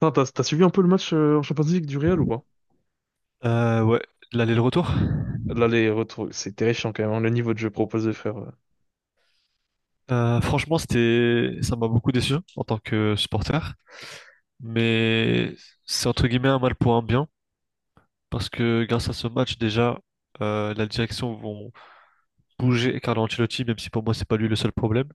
Putain, t'as suivi un peu le match en Champions League du Real ou pas? Ouais, l'aller-retour. Là, les retours, c'est terrifiant quand même, hein, le niveau de jeu proposé, frère. Franchement, ça m'a beaucoup déçu en tant que supporter, mais c'est entre guillemets un mal pour un bien parce que grâce à ce match déjà, la direction vont bouger Carlo Ancelotti, même si pour moi c'est pas lui le seul problème.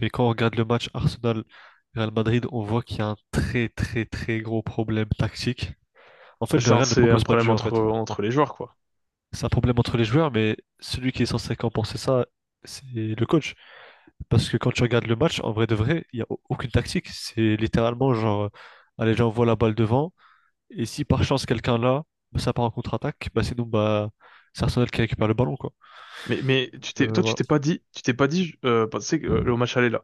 Mais quand on regarde le match Arsenal-Real Madrid, on voit qu'il y a un très très très gros problème tactique. En fait, Mais le c'est un, Real ne c'est un propose pas de problème jeu en entre, fait. entre les joueurs, quoi. C'est un problème entre les joueurs, mais celui qui est censé compenser ça, c'est le coach. Parce que quand tu regardes le match, en vrai de vrai, il n'y a aucune tactique. C'est littéralement genre, allez, j'envoie la balle devant. Et si par chance quelqu'un là, bah, ça part en contre-attaque, bah, c'est nous, bah, c'est Arsenal qui récupère le ballon, quoi. Mais Donc, tu voilà. t'es pas dit, tu t'es pas dit, bah, que, au match aller là,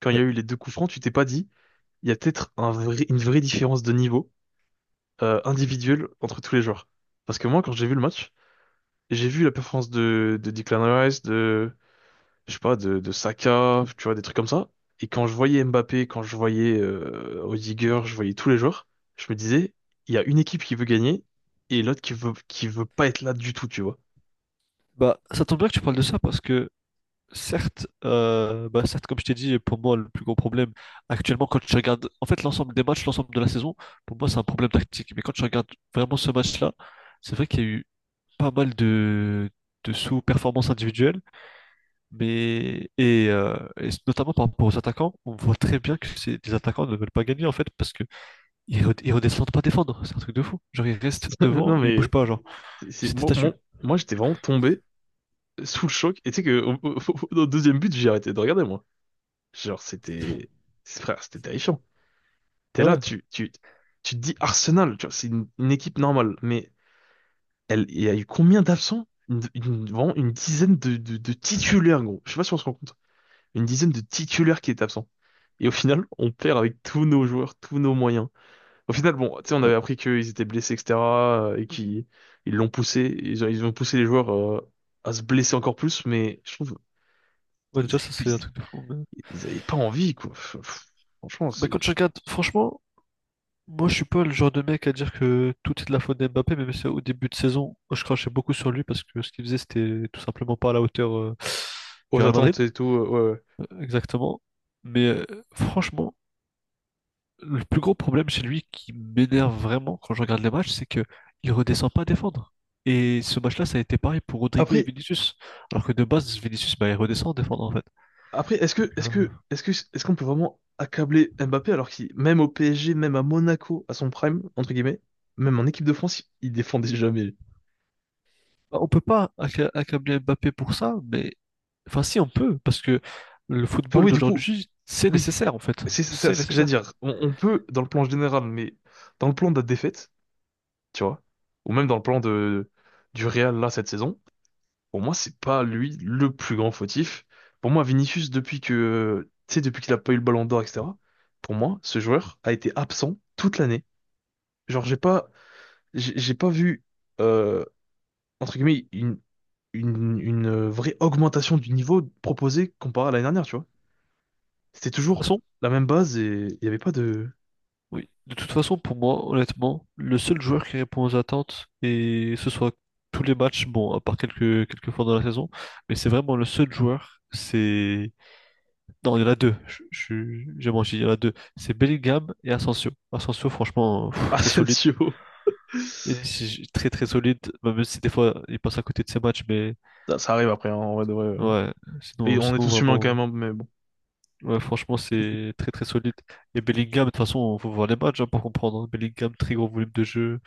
quand il y Ouais. a eu les deux coups francs, tu t'es pas dit. Il y a peut-être une vraie différence de niveau individuel entre tous les joueurs. Parce que moi, quand j'ai vu le match, j'ai vu la performance de Declan Rice, je sais pas, de Saka, tu vois, des trucs comme ça. Et quand je voyais Mbappé, quand je voyais Rudiger, je voyais tous les joueurs, je me disais, il y a une équipe qui veut gagner et l'autre qui veut pas être là du tout, tu vois. Bah, ça tombe bien que tu parles de ça parce que, certes, bah, certes, comme je t'ai dit, pour moi, le plus gros problème actuellement, quand tu regardes en fait l'ensemble des matchs, l'ensemble de la saison, pour moi, c'est un problème tactique. Mais quand tu regardes vraiment ce match-là, c'est vrai qu'il y a eu pas mal de sous-performances individuelles. Mais et notamment par rapport aux attaquants, on voit très bien que c'est les attaquants ne veulent pas gagner en fait parce que ils redescendent pas défendre, c'est un truc de fou. Genre ils restent devant Non, et ils bougent mais pas, genre c'est, c'est- c'est des moi, statues. moi, moi, j'étais vraiment tombé sous le choc. Et tu sais que au deuxième but, j'ai arrêté de regarder, moi. Genre, frère, c'était terrifiant. T'es Ah là, ouais. Tu te dis Arsenal, tu vois, c'est une équipe normale, mais il y a eu combien d'absents? Vraiment une dizaine de titulaires, gros. Je sais pas si on se rend compte. Une dizaine de titulaires qui étaient absents. Et au final, on perd avec tous nos joueurs, tous nos moyens. Au final, bon, tu sais, on Ouais. avait appris qu'ils étaient blessés, etc., et qu'ils ils l'ont poussé, ils ont poussé les joueurs à se blesser encore plus, mais je trouve Ouais, ils déjà avaient ça c'est un plus, truc de fou. Mais... ils avaient pas envie, quoi. Franchement, mais c'est quand je regarde, franchement, moi je suis pas le genre de mec à dire que tout est de la faute d'Mbappé, même si au début de saison je crachais beaucoup sur lui parce que ce qu'il faisait c'était tout simplement pas à la hauteur du aux Real Madrid. attentes et tout. Ouais. Exactement. Mais franchement. Le plus gros problème chez lui qui m'énerve vraiment quand je regarde les matchs, c'est que il redescend pas à défendre. Et ce match-là, ça a été pareil pour Rodrigo et Après, Vinicius. Alors que de base, Vinicius, bah, il redescend à défendre en fait. après, est-ce Donc, que, est-ce que, est-ce que, est-ce qu'on peut vraiment accabler Mbappé alors qu'il, même au PSG, même à Monaco, à son prime entre guillemets, même en équipe de France, il défendait jamais. bah, on peut pas accabler Mbappé pour ça, mais enfin si on peut, parce que le Enfin football oui, du coup, d'aujourd'hui, c'est oui, nécessaire en fait. c'est ça C'est ce que j'allais nécessaire. dire. On peut dans le plan général, mais dans le plan de la défaite, tu vois, ou même dans le plan de du Real là cette saison, pour moi c'est pas lui le plus grand fautif. Pour moi, Vinicius tu sais, depuis qu'il a pas eu le Ballon d'Or, etc. Pour moi, ce joueur a été absent toute l'année. Genre, j'ai pas vu, euh, entre guillemets, une vraie augmentation du niveau proposé comparé à l'année dernière, tu vois. C'était De toute toujours façon, la même base et il y avait pas de oui. De toute façon, pour moi, honnêtement, le seul joueur qui répond aux attentes, et ce soit tous les matchs, bon, à part quelques fois dans la saison, mais c'est vraiment le seul joueur, c'est... Non, il y en a deux, j'ai menti, il y en a deux. C'est Bellingham et Asensio. Asensio, franchement, pff, très solide. Asensio. Très très solide, même si des fois il passe à côté de ses matchs, mais Ça arrive après, hein, en vrai de vrai. Ouais. ouais, Et sinon, on est sinon tous humains quand vraiment, même, hein, mais bon. ouais, franchement, c'est très très solide. Et Bellingham, de toute façon, faut voir les matchs hein, pour comprendre. Hein. Bellingham, très gros volume de jeu.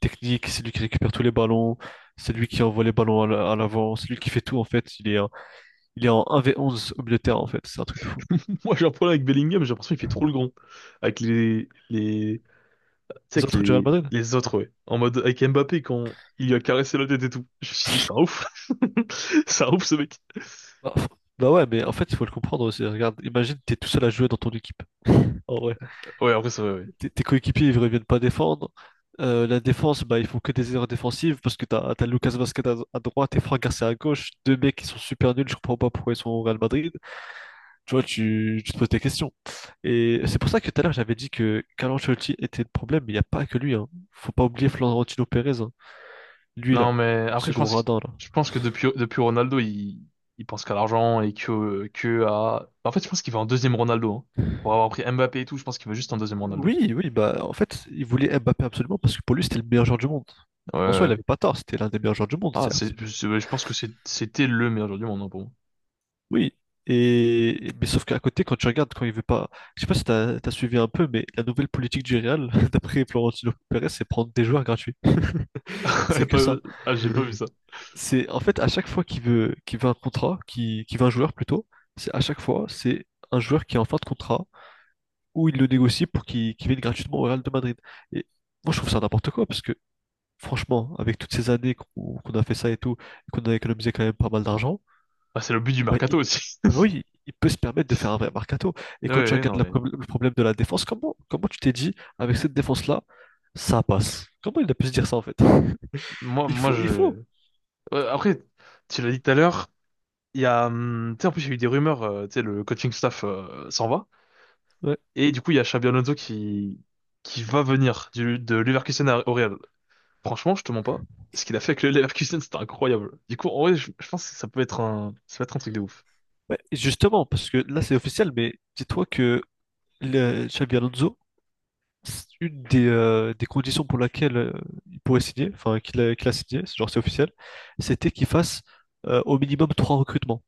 Technique, c'est lui qui récupère tous les ballons, c'est lui qui envoie les ballons à l'avant, c'est lui qui fait tout en fait. Il est en 1v11 au milieu de terrain en fait, c'est un truc de fou. Moi, j'ai un problème avec Bellingham, j'ai l'impression qu'il fait trop le grand. Avec tu sais, Les avec autres du Real les, Madrid? les autres, ouais. En mode, avec Mbappé, quand il lui a caressé la tête et tout. Je me suis dit, c'est un ouf. C'est un ouf, ce mec. Bah, bah ouais, mais en fait, il faut le comprendre aussi. Regarde, imagine, t'es tout seul à jouer dans ton équipe. En vrai, Ouais, après, ça, ouais. tes coéquipiers, ils reviennent pas défendre. La défense, bah, ils font que des erreurs défensives parce que t'as Lucas Vazquez à droite et Franck Garcia à gauche, deux mecs qui sont super nuls, je comprends pas pourquoi ils sont au Real Madrid. Tu vois, tu te poses des questions. Et c'est pour ça que tout à l'heure, j'avais dit que Carlo Ancelotti était le problème, mais il n'y a pas que lui, hein. Faut pas oublier Florentino Pérez, hein. Lui, là. Non, mais après, Ce je gros pense que, radin, là. je pense que depuis Ronaldo, il pense qu'à l'argent et que à. En fait, je pense qu'il veut un deuxième Ronaldo. Hein. Pour avoir pris Mbappé et tout, je pense qu'il veut juste un deuxième Ronaldo. Oui, oui, bah, en fait, il voulait Mbappé absolument parce que pour lui, c'était le meilleur joueur du monde. Ouais. En soi, il Ouais. avait pas tort, c'était l'un des meilleurs joueurs du monde, Ah, certes. Ouais, je pense que c'était le meilleur joueur du monde, hein, pour moi. Oui. Mais sauf qu'à côté, quand tu regardes, quand il veut pas. Je sais pas si t'as as suivi un peu, mais la nouvelle politique du Real, d'après Florentino Pérez, c'est prendre des joueurs gratuits. C'est que ça. Attends, ah, j'ai pas vu ça. C'est en fait à chaque fois qu'il veut un contrat, qu'il veut un joueur plutôt, c'est à chaque fois c'est un joueur qui est en fin de contrat ou il le négocie pour qu'il vienne gratuitement au Real de Madrid. Et moi je trouve ça n'importe quoi parce que franchement avec toutes ces années qu'on a fait ça et tout et qu'on a économisé quand même pas mal d'argent, Ah, c'est le but du bah, mercato aussi. maintenant, il peut se permettre de faire un vrai mercato. Et Ouais, quand tu ouais, regardes non, mais. Le problème de la défense, comment tu t'es dit avec cette défense là ça passe? Comment il a pu se dire ça en fait? Moi, Il moi, faut il je. faut. Ouais, après, tu l'as dit tout à l'heure, il y a. Tu sais, en plus, il y a eu des rumeurs, tu sais, le coaching staff s'en va. Ouais. Et du coup, il y a Xabi Alonso qui va venir de Leverkusen au Real. Franchement, je te mens pas. Ce qu'il a fait avec le Leverkusen, c'était incroyable. Du coup, en vrai, je pense que ça peut être un truc de ouf. Ouais, et justement, parce que là c'est officiel, mais dis-toi que le Xabi Alonso, c'est une des conditions pour laquelle il pourrait signer, enfin qu'il a signé, genre c'est officiel, c'était qu'il fasse au minimum trois recrutements.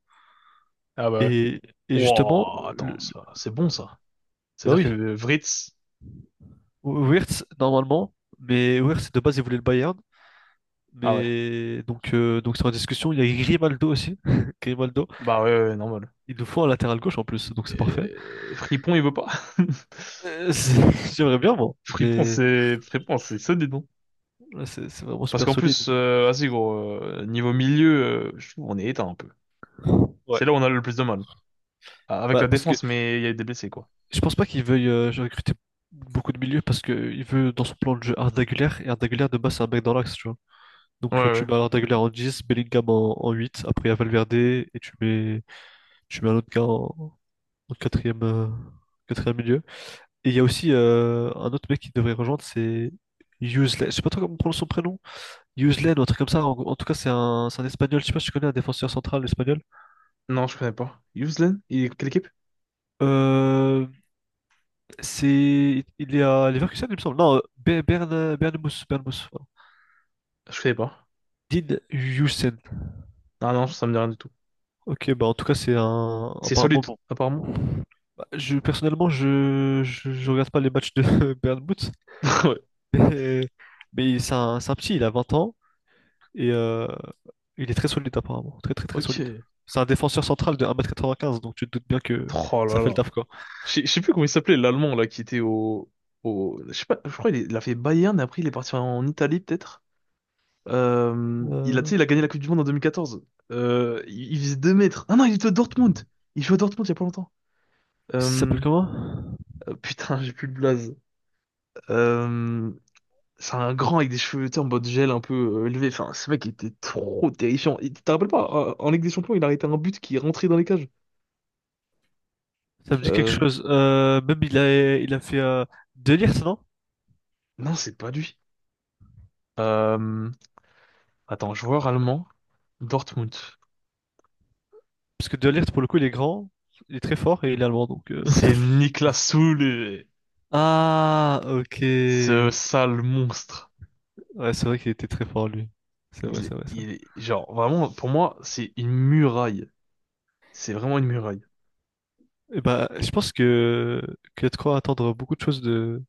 Ah bah ouais. Et, et justement, Wow, le- attends, le- c'est bon ça. bah C'est-à-dire oui, que Vritz, Wirtz normalement, mais Wirtz de base il voulait le Bayern, ah ouais. mais donc c'est en discussion. Il y a Grimaldo aussi, Grimaldo, Bah ouais, ouais, normal. il nous faut un latéral gauche en plus, donc c'est parfait. Et Fripon, il veut pas. J'aimerais bien moi, mais Fripon, c'est solide, non? là, c'est vraiment Parce super qu'en solide. plus, vas-y gros, niveau milieu, je trouve on est éteint un peu. Ouais. C'est là où on a le plus de mal. Ah, avec Bah, la parce que défense, mais il y a eu des blessés, quoi. je pense pas qu'il veuille recruter beaucoup de milieux parce qu'il veut dans son plan de jeu Arda Güler et Arda Güler de base c'est un mec dans l'axe, tu vois. Ouais, Donc, tu ouais. mets Arda Güler en 10 Bellingham en 8, après il y a Valverde et tu mets un autre gars en quatrième milieu. Et il y a aussi un autre mec qui devrait rejoindre, c'est Usley. Je sais pas trop comment on prononce son prénom. Usley ou un truc comme ça. En tout cas, c'est un espagnol. Je sais pas si tu connais un défenseur central espagnol. Non, je connais pas. Yuzlen? Il est quelle équipe? Euh, il est à Leverkusen, il me semble. Non, Bernmouth, voilà. Je connais pas. Dean Huijsen. Ah non, ça me dit rien du tout. Ok, bah en tout cas, c'est un, C'est apparemment solide, bon. apparemment. Bah, personnellement, je regarde pas les matchs de Bernmouth, Ouais. mais, c'est un petit, il a 20 ans, et il est très solide apparemment, très très très solide. Ok. C'est un défenseur central de 1,95 m donc tu te doutes bien que Oh ça là fait le là. taf, quoi. Je sais plus comment il s'appelait, l'Allemand, là, qui était au. Je sais pas, je crois qu'il a fait Bayern, et après il est parti en Italie, peut-être. Tu Euh, sais, il a gagné la Coupe du Monde en 2014. Il faisait 2 mètres. Ah non, il était à Dortmund. Il jouait à Dortmund il y a pas longtemps. il Euh, s'appelle comment? Putain, j'ai plus le blaze. Euh, C'est un grand avec des cheveux, tu sais, en mode gel un peu élevé. Enfin, ce mec était trop terrifiant. Et tu te rappelles pas, en Ligue des Champions, il a arrêté un but qui est rentré dans les cages. Ça me dit quelque Euh, chose. Même il a fait De Ligt, non? non, c'est pas lui. Euh, Attends, joueur allemand, Dortmund. Parce que De Ligt, pour le coup, il est grand, il est très fort et il est allemand, donc... C'est Niklas Süle, Ah, ok. ce Ouais, sale monstre. c'est vrai qu'il était très fort, lui. Il, C'est vrai, ça. il, genre, vraiment, pour moi, c'est une muraille. C'est vraiment une muraille. Et bah, je pense que y a de quoi attendre beaucoup de choses de,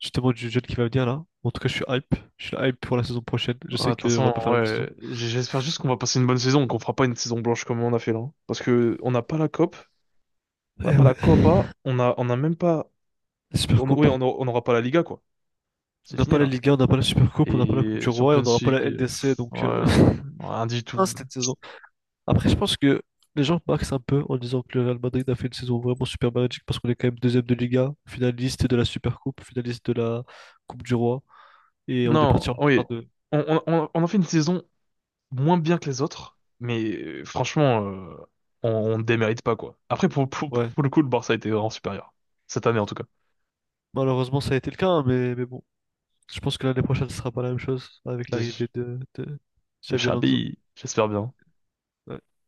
justement, du jeune qui va venir, là. En tout cas, je suis hype. Je suis hype pour la saison prochaine. Je Ah, sais qu'on va attention, pas faire la même saison. ouais, j'espère juste qu'on va passer une bonne saison, qu'on fera pas une saison blanche comme on a fait là. Hein. Parce que on n'a pas la COP, on n'a Eh pas la ouais. Copa, on n'a même pas La Super Coupe. oui, on n'aura pas la Liga, quoi. On C'est n'a fini, pas la là. Ligue 1, on n'a pas la Super Coupe, on n'a pas la Coupe du Et Roi et on Champions n'aura pas la League, LDC, ouais, donc... rien du Ah, tout. c'était une saison. Après, je pense que les gens marquent un peu en disant que le Real Madrid a fait une saison vraiment super magique parce qu'on est quand même deuxième de Liga, finaliste de la Super Coupe, finaliste de la Coupe du Roi. Et on est Non, parti en oui. quart de. On en fait une saison moins bien que les autres, mais franchement, on ne démérite pas, quoi. Après, pour, pour, Ouais. pour le coup, le Barça était vraiment supérieur. Cette année, en tout cas. Malheureusement, ça a été le cas, hein, mais bon. Je pense que l'année prochaine, ce sera pas la même chose avec l'arrivée Des, de des Xavi Alonso. Xabi, j'espère bien. Ouais.